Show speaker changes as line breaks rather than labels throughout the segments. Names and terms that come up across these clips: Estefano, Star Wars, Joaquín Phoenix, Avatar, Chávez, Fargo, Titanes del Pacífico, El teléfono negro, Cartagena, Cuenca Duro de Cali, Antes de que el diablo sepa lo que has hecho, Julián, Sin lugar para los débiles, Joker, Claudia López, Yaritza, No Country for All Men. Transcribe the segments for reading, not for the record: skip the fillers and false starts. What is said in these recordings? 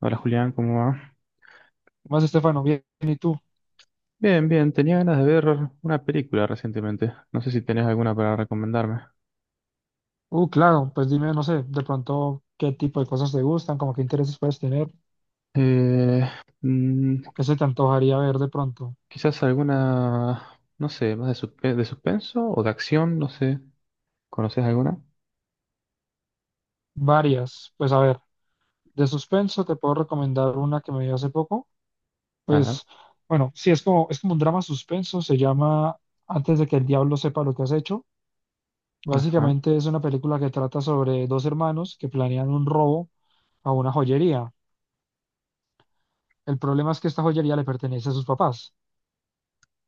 Hola Julián, ¿cómo va?
¿Qué más, Estefano? Bien, ¿y tú?
Bien, tenía ganas de ver una película recientemente. No sé si tenés alguna para recomendarme.
Claro, pues dime, no sé, de pronto qué tipo de cosas te gustan, como qué intereses puedes tener,
Eh, mm,
o qué se te antojaría ver de pronto.
quizás alguna, no sé, de suspenso o de acción, no sé. ¿Conoces alguna?
Varias, pues a ver, de suspenso te puedo recomendar una que me vi hace poco,
Ajá,
pues bueno, sí, es como un drama suspenso, se llama Antes de que el diablo sepa lo que has hecho.
ajá.
Básicamente es una película que trata sobre dos hermanos que planean un robo a una joyería. El problema es que esta joyería le pertenece a sus papás.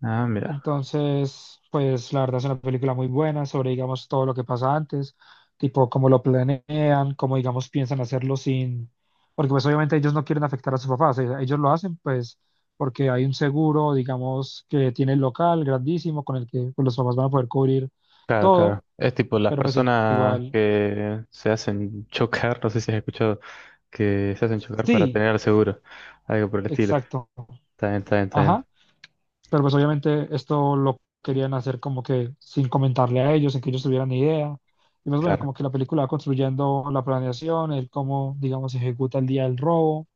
Ah, mira.
Entonces, pues la verdad es una película muy buena sobre, digamos, todo lo que pasa antes, tipo cómo lo planean, cómo, digamos, piensan hacerlo sin, porque pues obviamente ellos no quieren afectar a sus papás, ellos lo hacen pues porque hay un seguro, digamos, que tiene el local grandísimo con el que pues, los papás van a poder cubrir
Claro, claro.
todo,
Es tipo las
pero pues
personas
igual,
que se hacen chocar, no sé si has escuchado, que se hacen chocar para
sí,
tener el seguro. Algo por el estilo.
exacto.
Está bien, está bien, está bien.
Ajá. Pero pues obviamente esto lo querían hacer como que sin comentarle a ellos, sin que ellos tuvieran ni idea. Y pues bueno,
Claro.
como que la película va construyendo la planeación, el cómo, digamos, se ejecuta el día del robo,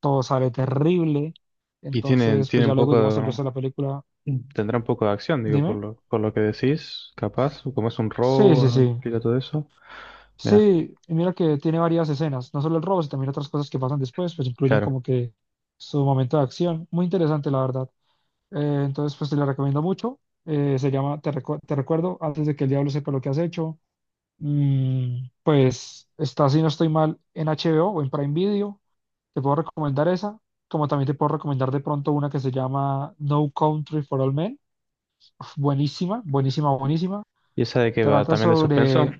todo sale terrible.
Y tiene,
Entonces, pues
tiene un
ya luego, digamos, el
poco.
resto de la película,
Mm. Tendrá un poco de acción, digo,
dime.
por lo que decís, capaz, o como es un
Sí, sí,
robo,
sí.
explica todo eso. Mira,
Sí, y mira que tiene varias escenas, no solo el robo, sino también otras cosas que pasan después, pues incluyen
claro.
como que su momento de acción. Muy interesante, la verdad. Entonces, pues te la recomiendo mucho. Se llama Te recuerdo, antes de que el diablo sepa lo que has hecho. Pues está, si no estoy mal, en HBO o en Prime Video. Te puedo recomendar esa, como también te puedo recomendar de pronto una que se llama No Country for All Men. Uf, buenísima, buenísima, buenísima.
¿Y esa de qué va?
Trata
¿También de suspenso?
sobre,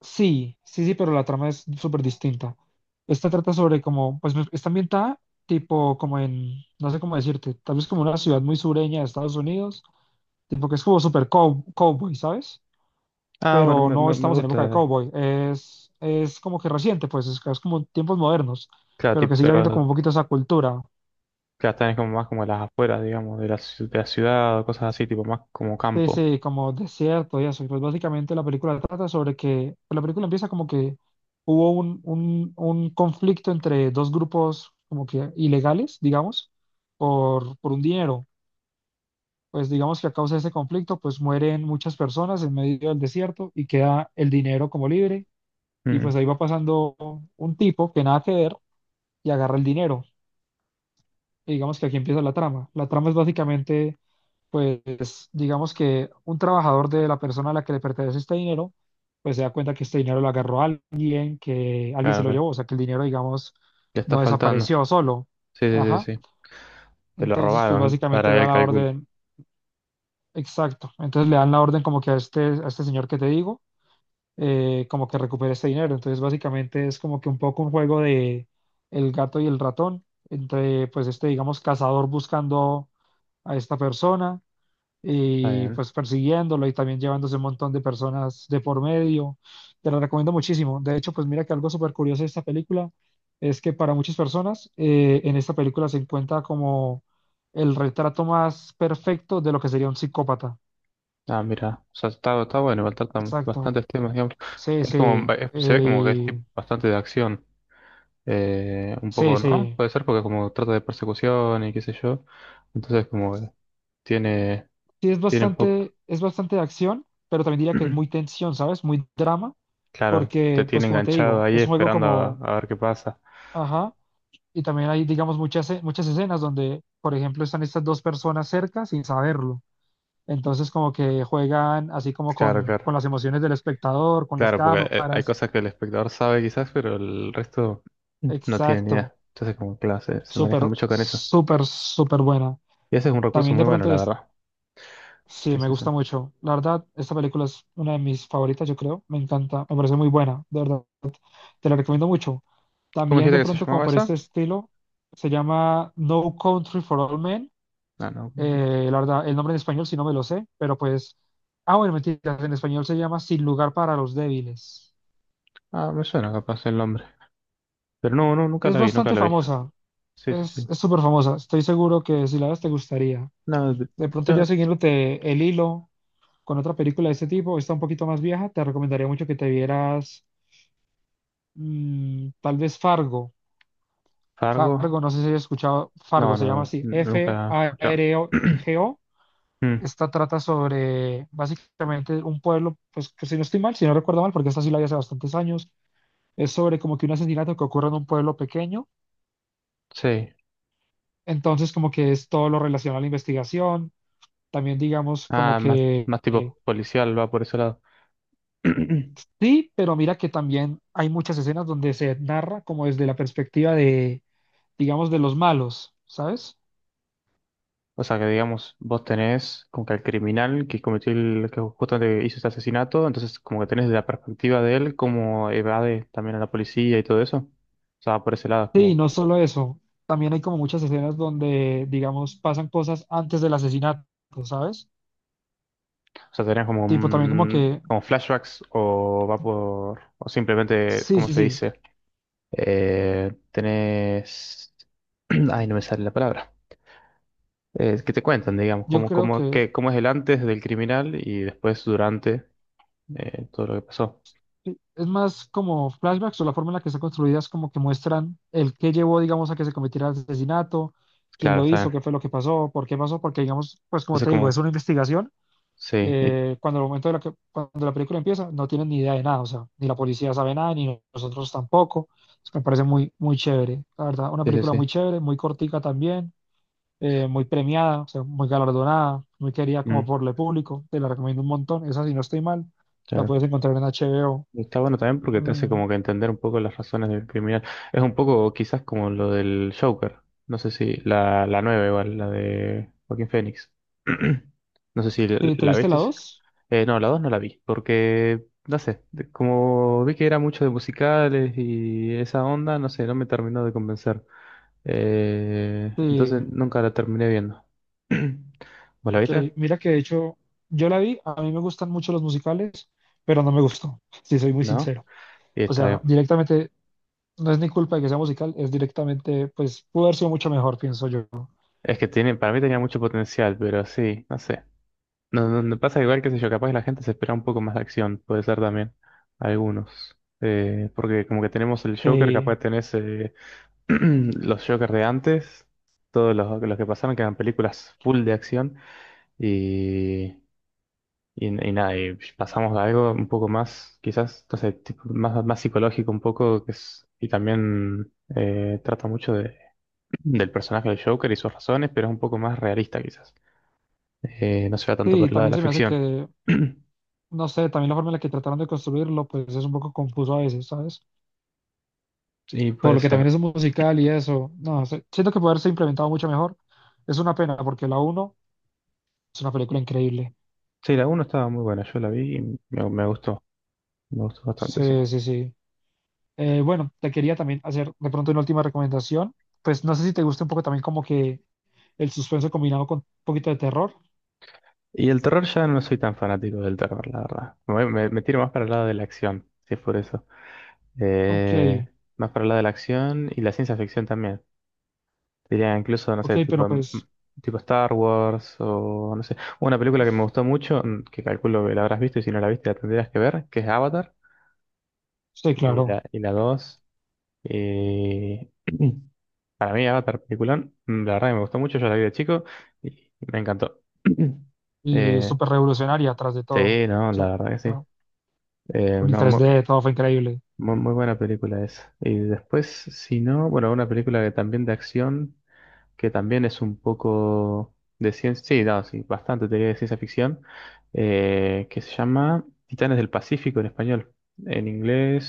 sí, sí, sí, pero la trama es súper distinta. Esta trata sobre como, pues está ambientada tipo como en, no sé cómo decirte, tal vez como una ciudad muy sureña de Estados Unidos. Tipo que es como super cowboy, ¿sabes?
Ah, bueno,
Pero no
me
estamos en época de
gusta.
cowboy. Es como que reciente, pues es como tiempos modernos,
Claro,
pero que
tipo,
sigue habiendo
pero
como un poquito esa cultura.
claro, también es como más como las afueras, digamos, de la ciudad o cosas así, tipo más como
Sí,
campo.
sí, como desierto y eso. Y pues básicamente la película trata sobre que, pues, la película empieza como que hubo un conflicto entre dos grupos como que ilegales, digamos, por un dinero. Pues digamos que a causa de ese conflicto, pues mueren muchas personas en medio del desierto y queda el dinero como libre. Y
Mm,
pues ahí va pasando un tipo que nada que ver y agarra el dinero. Y digamos que aquí empieza la trama. La trama es básicamente, pues, digamos que un trabajador de la persona a la que le pertenece este dinero, pues se da cuenta que este dinero lo agarró alguien, que alguien se
claro,
lo llevó, o
que
sea, que el dinero, digamos,
le está
no
faltando.
desapareció solo.
Sí, sí,
Ajá.
sí, sí. Se lo
Entonces, pues
robaron
básicamente
para
da
el
la
cálculo.
orden, exacto. Entonces le dan la orden como que a este señor que te digo, como que recupere este dinero. Entonces, básicamente es como que un poco un juego de el gato y el ratón, entre pues este, digamos, cazador buscando a esta persona
Está
y
bien.
pues persiguiéndolo y también llevándose un montón de personas de por medio. Te la recomiendo muchísimo. De hecho, pues mira que algo súper curioso de esta película es que para muchas personas, en esta película se encuentra como el retrato más perfecto de lo que sería un psicópata.
Ah, mira, o sea, está bueno, faltan
Exacto.
bastantes temas, digamos.
Sí,
Es como,
sí.
se ve como que es tipo bastante de acción. Un
Sí,
poco, ¿no?
sí.
Puede ser porque como trata de persecución y qué sé yo. Entonces como tiene,
Sí, es
tiene un poco,
bastante, es bastante de acción, pero también diría que es muy tensión, ¿sabes? Muy drama,
claro, te
porque, pues
tiene
como te
enganchado
digo,
ahí
es un juego
esperando
como,
a ver qué pasa.
ajá, y también hay, digamos, muchas escenas donde, por ejemplo, están estas dos personas cerca sin saberlo. Entonces, como que juegan así como
Claro, claro.
con las emociones del espectador, con las
Claro, porque hay
cámaras.
cosas que el espectador sabe quizás, pero el resto no tiene ni
Exacto.
idea. Entonces como, claro, se
Súper,
manejan mucho con eso.
súper, súper buena.
Y ese es un recurso
También
muy
de
bueno,
pronto
la
es,
verdad.
sí,
¿Qué es
me gusta
eso?
mucho. La verdad, esta película es una de mis favoritas, yo creo. Me encanta, me parece muy buena, de verdad. Te la recomiendo mucho.
¿Cómo
También
dijiste
de
que se
pronto como
llamaba
por este
esa?
estilo, se llama No Country for All Men.
Ah, no.
La verdad, el nombre en español sí no me lo sé, pero pues... Ah, bueno, mentira, en español se llama Sin lugar para los débiles.
Ah, me suena capaz el nombre. Pero nunca
Es
la vi, nunca
bastante
la vi.
famosa,
Sí, sí,
es
sí.
es súper famosa. Estoy seguro que si la ves te gustaría.
No, de-
De pronto ya
yo,
siguiéndote el hilo con otra película de este tipo, está un poquito más vieja, te recomendaría mucho que te vieras, tal vez Fargo.
Fargo.
Fargo, no sé si has escuchado, Fargo se llama así,
Nunca he escuchado.
FAROGO.
Mm,
Esta trata sobre básicamente un pueblo, pues que si no estoy mal, si no recuerdo mal, porque esta sí la vi hace bastantes años, es sobre como que un asesinato que ocurre en un pueblo pequeño.
sí.
Entonces como que es todo lo relacionado a la investigación, también digamos como
Ah, más,
que
más tipo policial, va por ese lado.
sí, pero mira que también hay muchas escenas donde se narra como desde la perspectiva de, digamos, de los malos, ¿sabes?
O sea que digamos, vos tenés como que al criminal que cometió el, que justamente hizo este asesinato, entonces como que tenés la perspectiva de él, como evade también a la policía y todo eso. O sea, va por ese lado, es como,
Sí,
o
no solo eso, también hay como muchas escenas donde, digamos, pasan cosas antes del asesinato, ¿sabes?
sea, tenés como
Tipo, también como que,
como flashbacks o va por, o simplemente,
sí,
¿cómo
sí,
se
sí,
dice? Tenés, ay, no me sale la palabra. Que te cuentan, digamos,
yo creo que
cómo es el antes del criminal y después durante todo lo que pasó.
sí, es más como flashbacks o la forma en la que están construidas como que muestran el qué llevó, digamos, a que se cometiera el asesinato, quién
Claro,
lo
está
hizo,
bien.
qué fue lo que pasó, por qué pasó, porque, digamos, pues como
Entonces,
te digo,
como,
es una investigación.
sí, y-
Cuando el momento de la que, cuando la película empieza, no tienen ni idea de nada, o sea, ni la policía sabe nada, ni nosotros tampoco. Entonces, me parece muy, muy chévere, la verdad, una
sí, sí,
película muy
sí.
chévere, muy cortica también, muy premiada, o sea, muy galardonada, muy querida como
Mm,
por el público, te la recomiendo un montón, esa si no estoy mal, la
claro.
puedes encontrar en HBO.
Y está bueno también porque te hace
Mm,
como que entender un poco las razones del criminal. Es un poco quizás como lo del Joker. No sé si la nueva igual, la de Joaquín Phoenix. No sé si
¿te
la
viste la
viste.
dos?
No, la 2 no la vi, porque, no sé, como vi que era mucho de musicales y esa onda, no sé, no me terminó de convencer. Entonces
Sí,
nunca la terminé viendo. ¿Vos la viste?
ok, mira que de hecho yo la vi, a mí me gustan mucho los musicales, pero no me gustó, si soy muy
¿No?
sincero.
Y
O
está
sea,
bien.
directamente, no es ni culpa de que sea musical, es directamente, pues, pudo haber sido mucho mejor, pienso yo.
Es que tiene, para mí tenía mucho potencial, pero sí, no sé. No, no, no pasa igual, qué sé yo, capaz la gente se espera un poco más de acción, puede ser también, algunos. Porque como que tenemos el Joker,
Eh,
capaz tenés... los Jokers de antes, todos los que pasaron, que eran películas full de acción, y, y nada, y pasamos a algo un poco más, quizás, no sé, tipo, más psicológico un poco, que es, y también trata mucho del personaje del Joker y sus razones, pero es un poco más realista quizás. No se va tanto por
sí,
el lado de
también
la
se me hace
ficción.
que, no sé, también la forma en la que trataron de construirlo, pues es un poco confuso a veces, ¿sabes?
Sí,
Por
puede
lo que
ser.
también es un musical y eso, no sé, siento que puede haberse implementado mucho mejor. Es una pena, porque la uno es una película increíble.
Sí, la uno estaba muy buena, yo la vi y me, me gustó, me gustó bastante, sí.
Sí, sí, sí. Bueno, te quería también hacer de pronto una última recomendación. Pues no sé si te gusta un poco también como que el suspenso combinado con un poquito de terror.
Y el terror ya no soy tan fanático del terror, la verdad. Me tiro más para el lado de la acción, si es por eso.
Ok,
Eh, Más para el lado de la acción y la ciencia ficción también. Diría incluso, no
ok,
sé,
pero
tipo, mm,
pues,
tipo Star Wars o no sé. Una película que me gustó mucho, mm, que calculo que la habrás visto y si no la viste la tendrías que ver, que es Avatar.
sí,
Y
claro.
y la 2. eh, para mí Avatar, peliculón, mm, la verdad que me gustó mucho, yo la vi de chico y me encantó.
Y
Eh,
súper revolucionaria tras de todo. O
sí, no, la
sea,
verdad que sí.
¿no? Con el
No,
3D todo fue increíble.
muy buena película esa. Y después, si no, bueno, una película que también de acción, que también es un poco de ciencia, sí, no, sí, bastante teoría de ciencia ficción, que se llama Titanes del Pacífico en español. En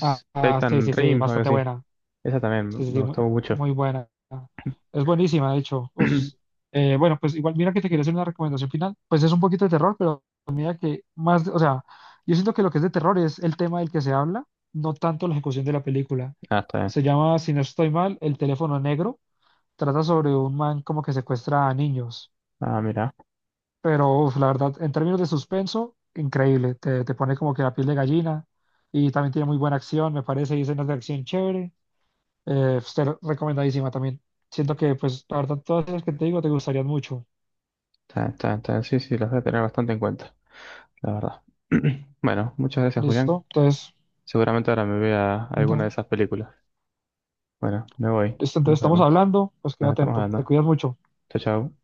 Ah, ah, sí,
Titan
sí, sí,
Rim, o algo
bastante
así.
buena.
Esa también
Sí, sí,
me
sí, muy,
gustó mucho.
muy buena. Es buenísima, de hecho. Uf. Bueno, pues igual, mira que te quería hacer una recomendación final. Pues es un poquito de terror, pero mira que más, o sea, yo siento que lo que es de terror es el tema del que se habla, no tanto la ejecución de la película.
Ah, está bien.
Se llama, si no estoy mal, El teléfono negro. Trata sobre un man como que secuestra a niños.
Ah, mira.
Pero uf, la verdad, en términos de suspenso, increíble. Te pone como que la piel de gallina y también tiene muy buena acción, me parece, y escenas de acción chévere. Pues, te recomendadísima también. Siento que, pues, la verdad, todas las que te digo te gustarían mucho.
Está bien, está bien, está bien. Sí, sí, las voy a tener bastante en cuenta, la verdad. Bueno, muchas gracias, Julián.
¿Listo? Entonces,
Seguramente ahora me vea alguna de
dale.
esas películas. Bueno, me voy.
Listo,
Nos
entonces estamos
vemos.
hablando, pues queda
Nos estamos
atento. Te
hablando.
cuidas mucho.
Chao, chao.